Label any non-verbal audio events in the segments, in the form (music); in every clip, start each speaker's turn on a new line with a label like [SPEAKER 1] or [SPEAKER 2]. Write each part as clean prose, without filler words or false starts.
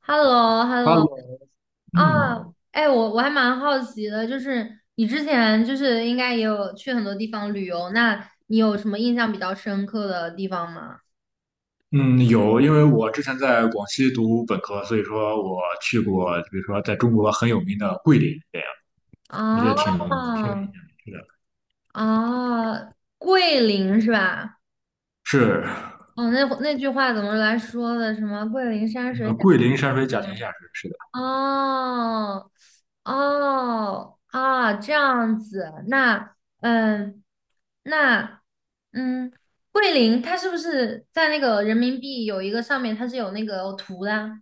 [SPEAKER 1] h e l l o h e l l
[SPEAKER 2] 哈
[SPEAKER 1] o
[SPEAKER 2] 喽，
[SPEAKER 1] 啊，
[SPEAKER 2] 嗯
[SPEAKER 1] 哎，我还蛮好奇的，就是你之前就是应该也有去很多地方旅游，那你有什么印象比较深刻的地方吗？
[SPEAKER 2] 嗯，有，因为我之前在广西读本科，所以说我去过，比如说在中国很有名的桂林，这样我觉得
[SPEAKER 1] 啊
[SPEAKER 2] 挺有意思的。
[SPEAKER 1] 啊，桂林是吧？
[SPEAKER 2] 是，
[SPEAKER 1] 哦，那句话怎么来说的？什么桂林山
[SPEAKER 2] 那个
[SPEAKER 1] 水甲？
[SPEAKER 2] 桂林山水甲天下是的，
[SPEAKER 1] 哦，哦，啊，这样子，那，嗯，那，嗯，桂林它是不是在那个人民币有一个上面它是有那个图的啊。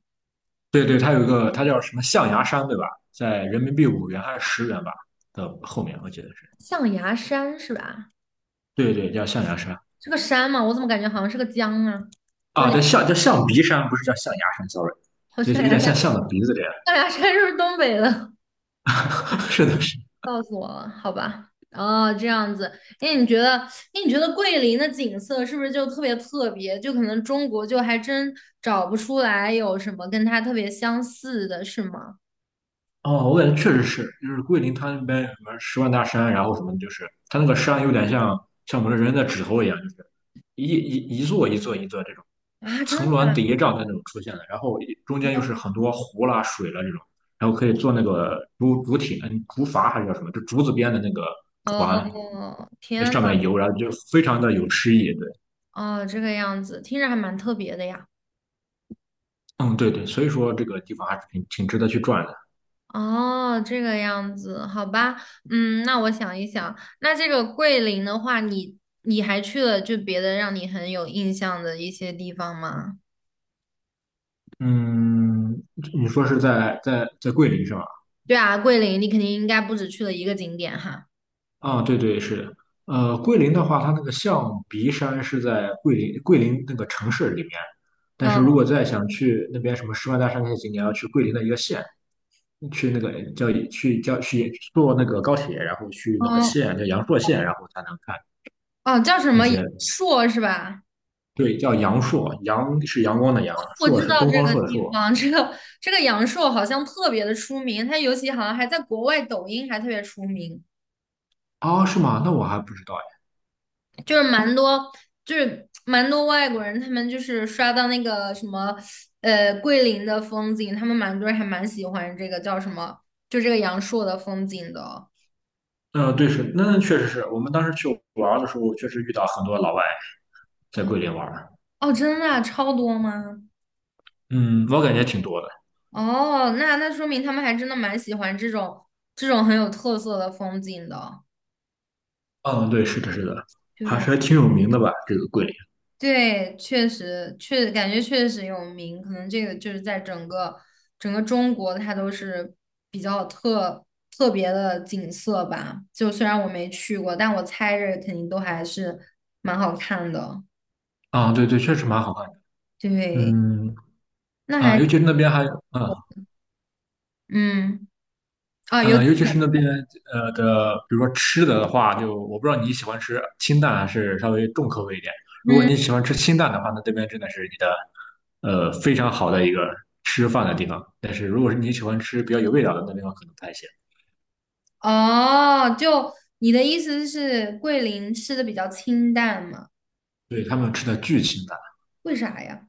[SPEAKER 2] 对对，它有一个，它叫什么象牙山，对吧？在人民币5元还是10元吧的后面，我记得是，
[SPEAKER 1] 象牙山是吧？
[SPEAKER 2] 对对，叫象牙山
[SPEAKER 1] 是个山吗？我怎么感觉好像是个江啊？就
[SPEAKER 2] 啊，
[SPEAKER 1] 两，
[SPEAKER 2] 对，象叫象鼻山，不是叫象牙山，sorry,
[SPEAKER 1] 好像
[SPEAKER 2] 就
[SPEAKER 1] 象
[SPEAKER 2] 是有
[SPEAKER 1] 牙
[SPEAKER 2] 点
[SPEAKER 1] 山，
[SPEAKER 2] 像象的鼻子这样。
[SPEAKER 1] 象牙山是不是东北的？
[SPEAKER 2] (laughs) 是的，是的
[SPEAKER 1] 告诉我了，好吧？哦，这样子。哎，你觉得，哎，你觉得桂林的景色是不是就特别特别？就可能中国就还真找不出来有什么跟它特别相似的，是吗？
[SPEAKER 2] 哦，我感觉确实是，就是桂林它那边有什么十万大山，然后什么的就是它那个山有点像我们人的指头一样，就是一座一座一座这种
[SPEAKER 1] 啊，真的
[SPEAKER 2] 层峦
[SPEAKER 1] 假
[SPEAKER 2] 叠嶂的那种出现的，然后中间又
[SPEAKER 1] 的？
[SPEAKER 2] 是很多湖啦、水啦这种，然后可以坐那个竹艇、竹筏还是叫什么，就竹子编的那个船，
[SPEAKER 1] 哦，
[SPEAKER 2] 那
[SPEAKER 1] 天呐，
[SPEAKER 2] 上面游，然后就非常的有诗意。对，
[SPEAKER 1] 哦，这个样子，听着还蛮特别的呀。
[SPEAKER 2] 嗯，对对，所以说这个地方还是挺值得去转的。
[SPEAKER 1] 哦，这个样子，好吧，嗯，那我想一想，那这个桂林的话，你还去了就别的让你很有印象的一些地方吗？
[SPEAKER 2] 嗯，你说是在桂林是吧？
[SPEAKER 1] 对啊，桂林你肯定应该不止去了一个景点哈。
[SPEAKER 2] 啊，对对是的，桂林的话，它那个象鼻山是在桂林那个城市里面，但是如
[SPEAKER 1] 嗯
[SPEAKER 2] 果再想去那边什么十万大山那些景点，要去桂林的一个县，去坐那个高铁，然后去那个
[SPEAKER 1] 嗯，
[SPEAKER 2] 县叫阳朔县，然后才能看
[SPEAKER 1] 哦，叫什
[SPEAKER 2] 那
[SPEAKER 1] 么阳
[SPEAKER 2] 些，
[SPEAKER 1] 朔是吧？
[SPEAKER 2] 对，叫阳朔，阳是阳光的阳，
[SPEAKER 1] 我知
[SPEAKER 2] 朔是
[SPEAKER 1] 道
[SPEAKER 2] 东
[SPEAKER 1] 这
[SPEAKER 2] 方
[SPEAKER 1] 个
[SPEAKER 2] 朔的
[SPEAKER 1] 地
[SPEAKER 2] 朔。
[SPEAKER 1] 方，这个阳朔好像特别的出名，它尤其好像还在国外抖音还特别出名，
[SPEAKER 2] 啊，是吗？那我还不知道哎。
[SPEAKER 1] 就是蛮多就是蛮多外国人，他们就是刷到那个什么桂林的风景，他们蛮多人还蛮喜欢这个叫什么，就这个阳朔的风景的。
[SPEAKER 2] 嗯、对，是，那确实是我们当时去玩儿的时候，确实遇到很多老外在
[SPEAKER 1] 嗯，
[SPEAKER 2] 桂林玩儿
[SPEAKER 1] 哦，真的啊超多吗？
[SPEAKER 2] 嗯，我感觉挺多的。
[SPEAKER 1] 哦，那说明他们还真的蛮喜欢这种很有特色的风景的。
[SPEAKER 2] 嗯，对，是的，是的，还
[SPEAKER 1] 对
[SPEAKER 2] 是还挺有名的吧，这个桂林。
[SPEAKER 1] 对，确实感觉确实有名，可能这个就是在整个中国，它都是比较特别的景色吧。就虽然我没去过，但我猜着肯定都还是蛮好看的。
[SPEAKER 2] 啊，对对，确实蛮好看的。
[SPEAKER 1] 对，
[SPEAKER 2] 嗯，
[SPEAKER 1] 那
[SPEAKER 2] 啊，
[SPEAKER 1] 还
[SPEAKER 2] 尤其是那边还，啊，
[SPEAKER 1] 嗯啊有
[SPEAKER 2] 尤其是那边的，比如说吃的话，就我不知道你喜欢吃清淡还是稍微重口味一点。如果
[SPEAKER 1] 嗯
[SPEAKER 2] 你喜欢吃清淡的话，那这边真的是你的非常好的一个吃饭的地方。但是如果是你喜欢吃比较有味道的，那地方可能不太行。
[SPEAKER 1] 哦，就你的意思是桂林吃的比较清淡嘛？
[SPEAKER 2] 对，他们吃的巨清淡。
[SPEAKER 1] 为啥呀？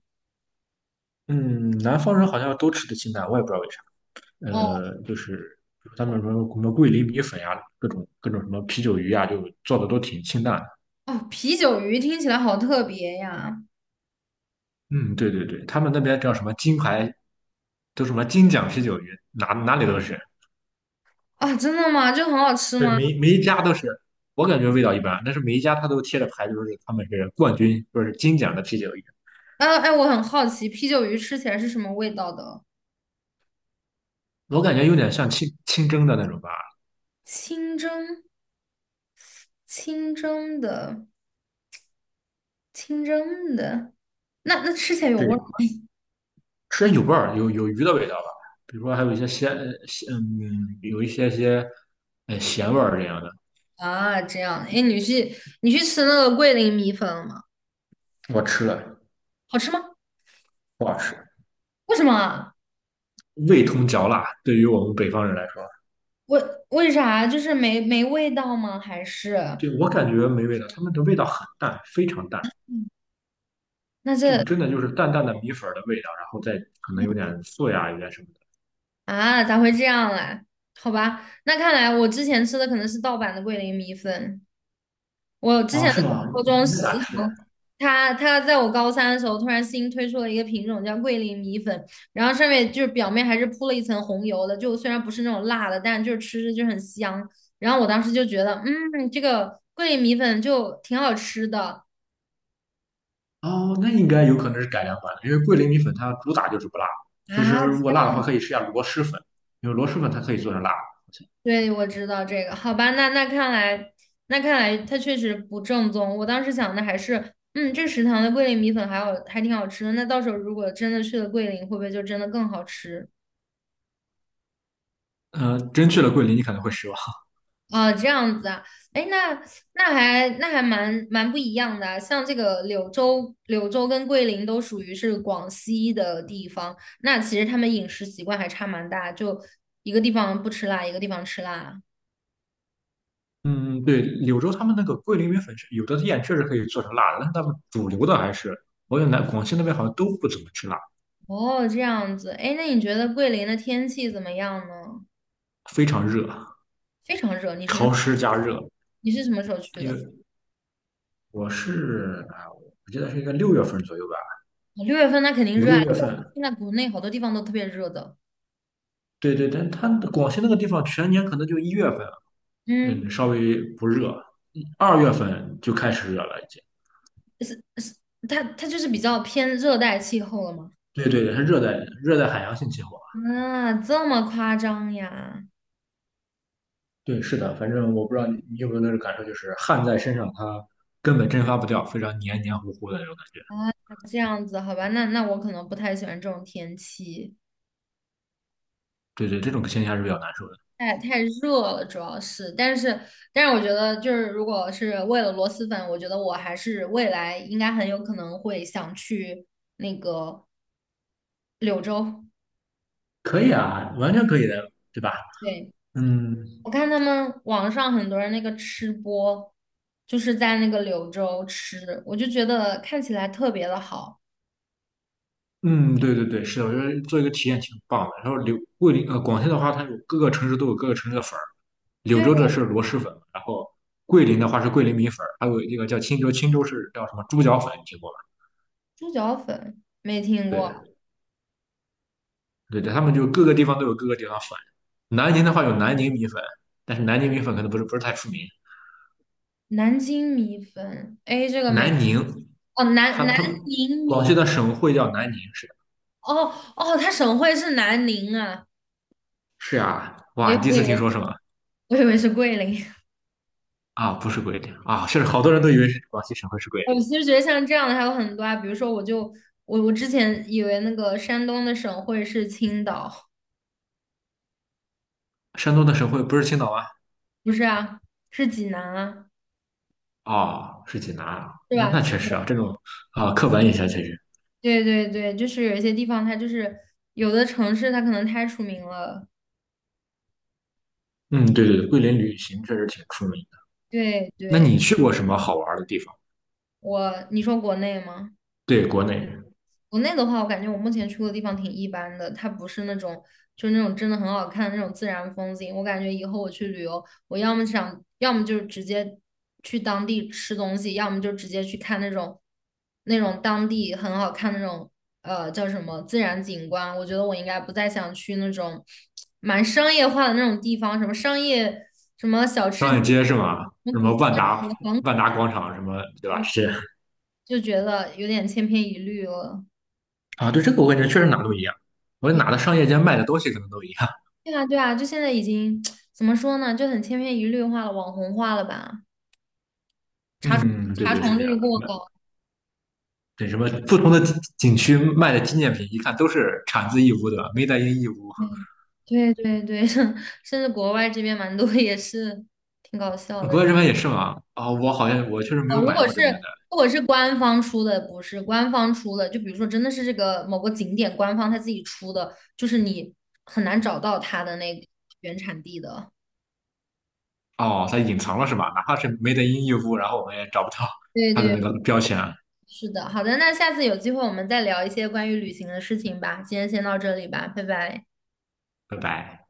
[SPEAKER 2] 嗯，南方人好像都吃的清淡，我也不知道为啥。
[SPEAKER 1] 哦
[SPEAKER 2] 就是他们什么什么桂林米粉呀，各种各种什么啤酒鱼呀，就做的都挺清淡的。
[SPEAKER 1] 哦，啤酒鱼听起来好特别呀！
[SPEAKER 2] 嗯，对对对，他们那边叫什么金牌，都什么金奖啤酒鱼，哪里都是，
[SPEAKER 1] 啊，真的吗？这很好吃
[SPEAKER 2] 对，
[SPEAKER 1] 吗？
[SPEAKER 2] 每一家都是。我感觉味道一般，但是每一家他都贴着牌，就是他们是冠军，就是金奖的啤酒鱼。
[SPEAKER 1] 哎哎，我很好奇，啤酒鱼吃起来是什么味道的？
[SPEAKER 2] 我感觉有点像清蒸的那种吧，
[SPEAKER 1] 清蒸，清蒸的，清蒸的，那吃起来有味儿
[SPEAKER 2] 对，
[SPEAKER 1] 吗？
[SPEAKER 2] 吃着有味儿，有鱼的味道吧。比如说还有一些鲜,有一些咸味儿这样的。
[SPEAKER 1] 啊？这样，哎，你去吃那个桂林米粉了吗？
[SPEAKER 2] 我吃了，
[SPEAKER 1] 好吃吗？
[SPEAKER 2] 不好吃。
[SPEAKER 1] 为什么啊
[SPEAKER 2] 味同嚼蜡，对于我们北方人来说，
[SPEAKER 1] 为为啥？就是没味道吗？还是
[SPEAKER 2] 对我感觉没味道，他们的味道很淡，非常淡，
[SPEAKER 1] 那
[SPEAKER 2] 就
[SPEAKER 1] 这？
[SPEAKER 2] 是真的就是淡淡的米粉的味道，然后再可能有点素呀，有点什么的。
[SPEAKER 1] 啊，咋会这样嘞？好吧，那看来我之前吃的可能是盗版的桂林米粉。我之前
[SPEAKER 2] 哦，
[SPEAKER 1] 的
[SPEAKER 2] 是吗？
[SPEAKER 1] 高中
[SPEAKER 2] 那
[SPEAKER 1] 食
[SPEAKER 2] 咋吃呀？
[SPEAKER 1] 堂，他在我高三的时候突然新推出了一个品种叫桂林米粉，然后上面就是表面还是铺了一层红油的，就虽然不是那种辣的，但就是吃着就很香。然后我当时就觉得，嗯，这个桂林米粉就挺好吃的。
[SPEAKER 2] 哦，那应该有可能是改良版的，因为桂林米粉它主打就是不辣。其
[SPEAKER 1] 啊，
[SPEAKER 2] 实如果辣的话，可以试一下螺蛳粉，因为螺蛳粉它可以做成辣的。
[SPEAKER 1] 对，我知道这个。好吧，那看来它确实不正宗。我当时想的还是，嗯，这食堂的桂林米粉还好，还挺好吃的。那到时候如果真的去了桂林，会不会就真的更好吃？
[SPEAKER 2] 真去了桂林，你可能会失望。
[SPEAKER 1] 哦，这样子啊，哎，那那还蛮不一样的啊，像这个柳州跟桂林都属于是广西的地方，那其实他们饮食习惯还差蛮大，就一个地方不吃辣，一个地方吃辣啊。
[SPEAKER 2] 嗯，对，柳州他们那个桂林米粉是有的店确实可以做成辣的，但是他们主流的还是，我感觉南广西那边好像都不怎么吃辣。
[SPEAKER 1] 哦，这样子，哎，那你觉得桂林的天气怎么样呢？
[SPEAKER 2] 非常热，
[SPEAKER 1] 非常热，你什么？
[SPEAKER 2] 潮湿加热。
[SPEAKER 1] 你是什么时候去
[SPEAKER 2] 因
[SPEAKER 1] 的？
[SPEAKER 2] 为我记得是应该六月份左右吧，
[SPEAKER 1] 6月份那肯定
[SPEAKER 2] 五
[SPEAKER 1] 热啊，
[SPEAKER 2] 六月份。
[SPEAKER 1] 现在国内好多地方都特别热的。
[SPEAKER 2] 对对，但它广西那个地方全年可能就1月份，
[SPEAKER 1] 嗯，
[SPEAKER 2] 嗯，稍微不热，2月份就开始热了已经。
[SPEAKER 1] 它就是比较偏热带气候了嘛。
[SPEAKER 2] 对对对，它热带海洋性气候。
[SPEAKER 1] 啊，这么夸张呀？
[SPEAKER 2] 对，是的，反正我不知道你有没有那种感受，就是汗在身上，它根本蒸发不掉，非常黏黏糊糊的那种感觉。
[SPEAKER 1] 啊，这样子，好吧，那我可能不太喜欢这种天气，
[SPEAKER 2] 对对，这种现象是比较难受的。
[SPEAKER 1] 太热了，主要是。但是，我觉得就是如果是为了螺蛳粉，我觉得我还是未来应该很有可能会想去那个。柳州，
[SPEAKER 2] 可以啊，完全可以的，对吧？
[SPEAKER 1] 对，
[SPEAKER 2] 嗯，
[SPEAKER 1] 我看他们网上很多人那个吃播，就是在那个柳州吃，我就觉得看起来特别的好。
[SPEAKER 2] 嗯，对对对，是的，我觉得做一个体验挺棒的。然后柳桂林呃，广西的话，它有各个城市都有各个城市的粉儿，柳
[SPEAKER 1] 对，
[SPEAKER 2] 州的是螺蛳粉，然后桂林的话是桂林米粉儿还有一个叫钦州，钦州是叫什么猪脚粉，你听过吗？
[SPEAKER 1] 猪脚粉没听过，
[SPEAKER 2] 对对对，他们就各个地方都有各个地方粉。南宁的话有南宁米粉，但是南宁米粉可能不是太出名。
[SPEAKER 1] 南京米粉，哎，这个没，
[SPEAKER 2] 南宁，
[SPEAKER 1] 哦，南
[SPEAKER 2] 它
[SPEAKER 1] 南
[SPEAKER 2] 它
[SPEAKER 1] 宁
[SPEAKER 2] 广西
[SPEAKER 1] 米，
[SPEAKER 2] 的省会叫南宁，是的
[SPEAKER 1] 哦哦，它省会是南宁啊，
[SPEAKER 2] 是啊，哇，
[SPEAKER 1] 我
[SPEAKER 2] 你第一次听说
[SPEAKER 1] 以
[SPEAKER 2] 是吗？
[SPEAKER 1] 我以为是桂林。(laughs)
[SPEAKER 2] 啊，不是桂林啊，是好多人都以为是广西省会是桂林，
[SPEAKER 1] 我其实觉得像这样的还有很多啊，比如说我就我我之前以为那个山东的省会是青岛，
[SPEAKER 2] 山东的省会不是青岛吗？
[SPEAKER 1] 不是啊，是济南啊。
[SPEAKER 2] 哦，是济南啊，
[SPEAKER 1] 是
[SPEAKER 2] 那
[SPEAKER 1] 吧？
[SPEAKER 2] 那确实啊，这种刻板印象确实，
[SPEAKER 1] 对对对，就是有一些地方，它就是有的城市，它可能太出名了。
[SPEAKER 2] 嗯，对对对，桂林旅行确实挺出名的。
[SPEAKER 1] 对
[SPEAKER 2] 那
[SPEAKER 1] 对，
[SPEAKER 2] 你去过什么好玩的地方？
[SPEAKER 1] 我，你说国内吗？
[SPEAKER 2] 对，国内
[SPEAKER 1] 国内的话，我感觉我目前去过的地方挺一般的，它不是那种就那种真的很好看的那种自然风景。我感觉以后我去旅游，我要么想，要么就是直接去当地吃东西，要么就直接去看那种当地很好看的那种叫什么自然景观。我觉得我应该不再想去那种蛮商业化的那种地方，什么商业什么小吃
[SPEAKER 2] 商
[SPEAKER 1] 街
[SPEAKER 2] 业街是吗？
[SPEAKER 1] 什么
[SPEAKER 2] 什
[SPEAKER 1] 古
[SPEAKER 2] 么万
[SPEAKER 1] 古
[SPEAKER 2] 达
[SPEAKER 1] 黄，
[SPEAKER 2] 万达广场什么，对吧？是
[SPEAKER 1] 就觉得有点千篇一律了。
[SPEAKER 2] 啊，对这个我感觉确实哪都一样，我觉得哪的商业街卖的东西可能都一样。
[SPEAKER 1] 对啊，对啊，就现在已经 (tsk) 怎么说呢，就很千篇一律化了，网红化了吧？查重
[SPEAKER 2] 嗯，对
[SPEAKER 1] 查
[SPEAKER 2] 对是
[SPEAKER 1] 重
[SPEAKER 2] 这样
[SPEAKER 1] 率
[SPEAKER 2] 的，
[SPEAKER 1] 过
[SPEAKER 2] 卖
[SPEAKER 1] 高，
[SPEAKER 2] 对什么不同的景区卖的纪念品，一看都是产自义乌的，made in 义乌。
[SPEAKER 1] 对对对对，(laughs) 甚至国外这边蛮多也是挺搞笑
[SPEAKER 2] 国
[SPEAKER 1] 的
[SPEAKER 2] 外这边也是吗？啊、我好像我确实没
[SPEAKER 1] 哦。
[SPEAKER 2] 有
[SPEAKER 1] 如
[SPEAKER 2] 买
[SPEAKER 1] 果
[SPEAKER 2] 过
[SPEAKER 1] 是
[SPEAKER 2] 这边的。
[SPEAKER 1] 如果是官方出的，不是官方出的，就比如说真的是这个某个景点官方他自己出的，就是你很难找到它的那个原产地的。
[SPEAKER 2] 哦，它隐藏了是吧？哪怕是 Made in 优步，然后我们也找不到
[SPEAKER 1] 对
[SPEAKER 2] 它的那
[SPEAKER 1] 对，
[SPEAKER 2] 个标签，
[SPEAKER 1] 是的，好的，那下次有机会我们再聊一些关于旅行的事情吧。今天先到这里吧，拜拜。
[SPEAKER 2] 拜拜。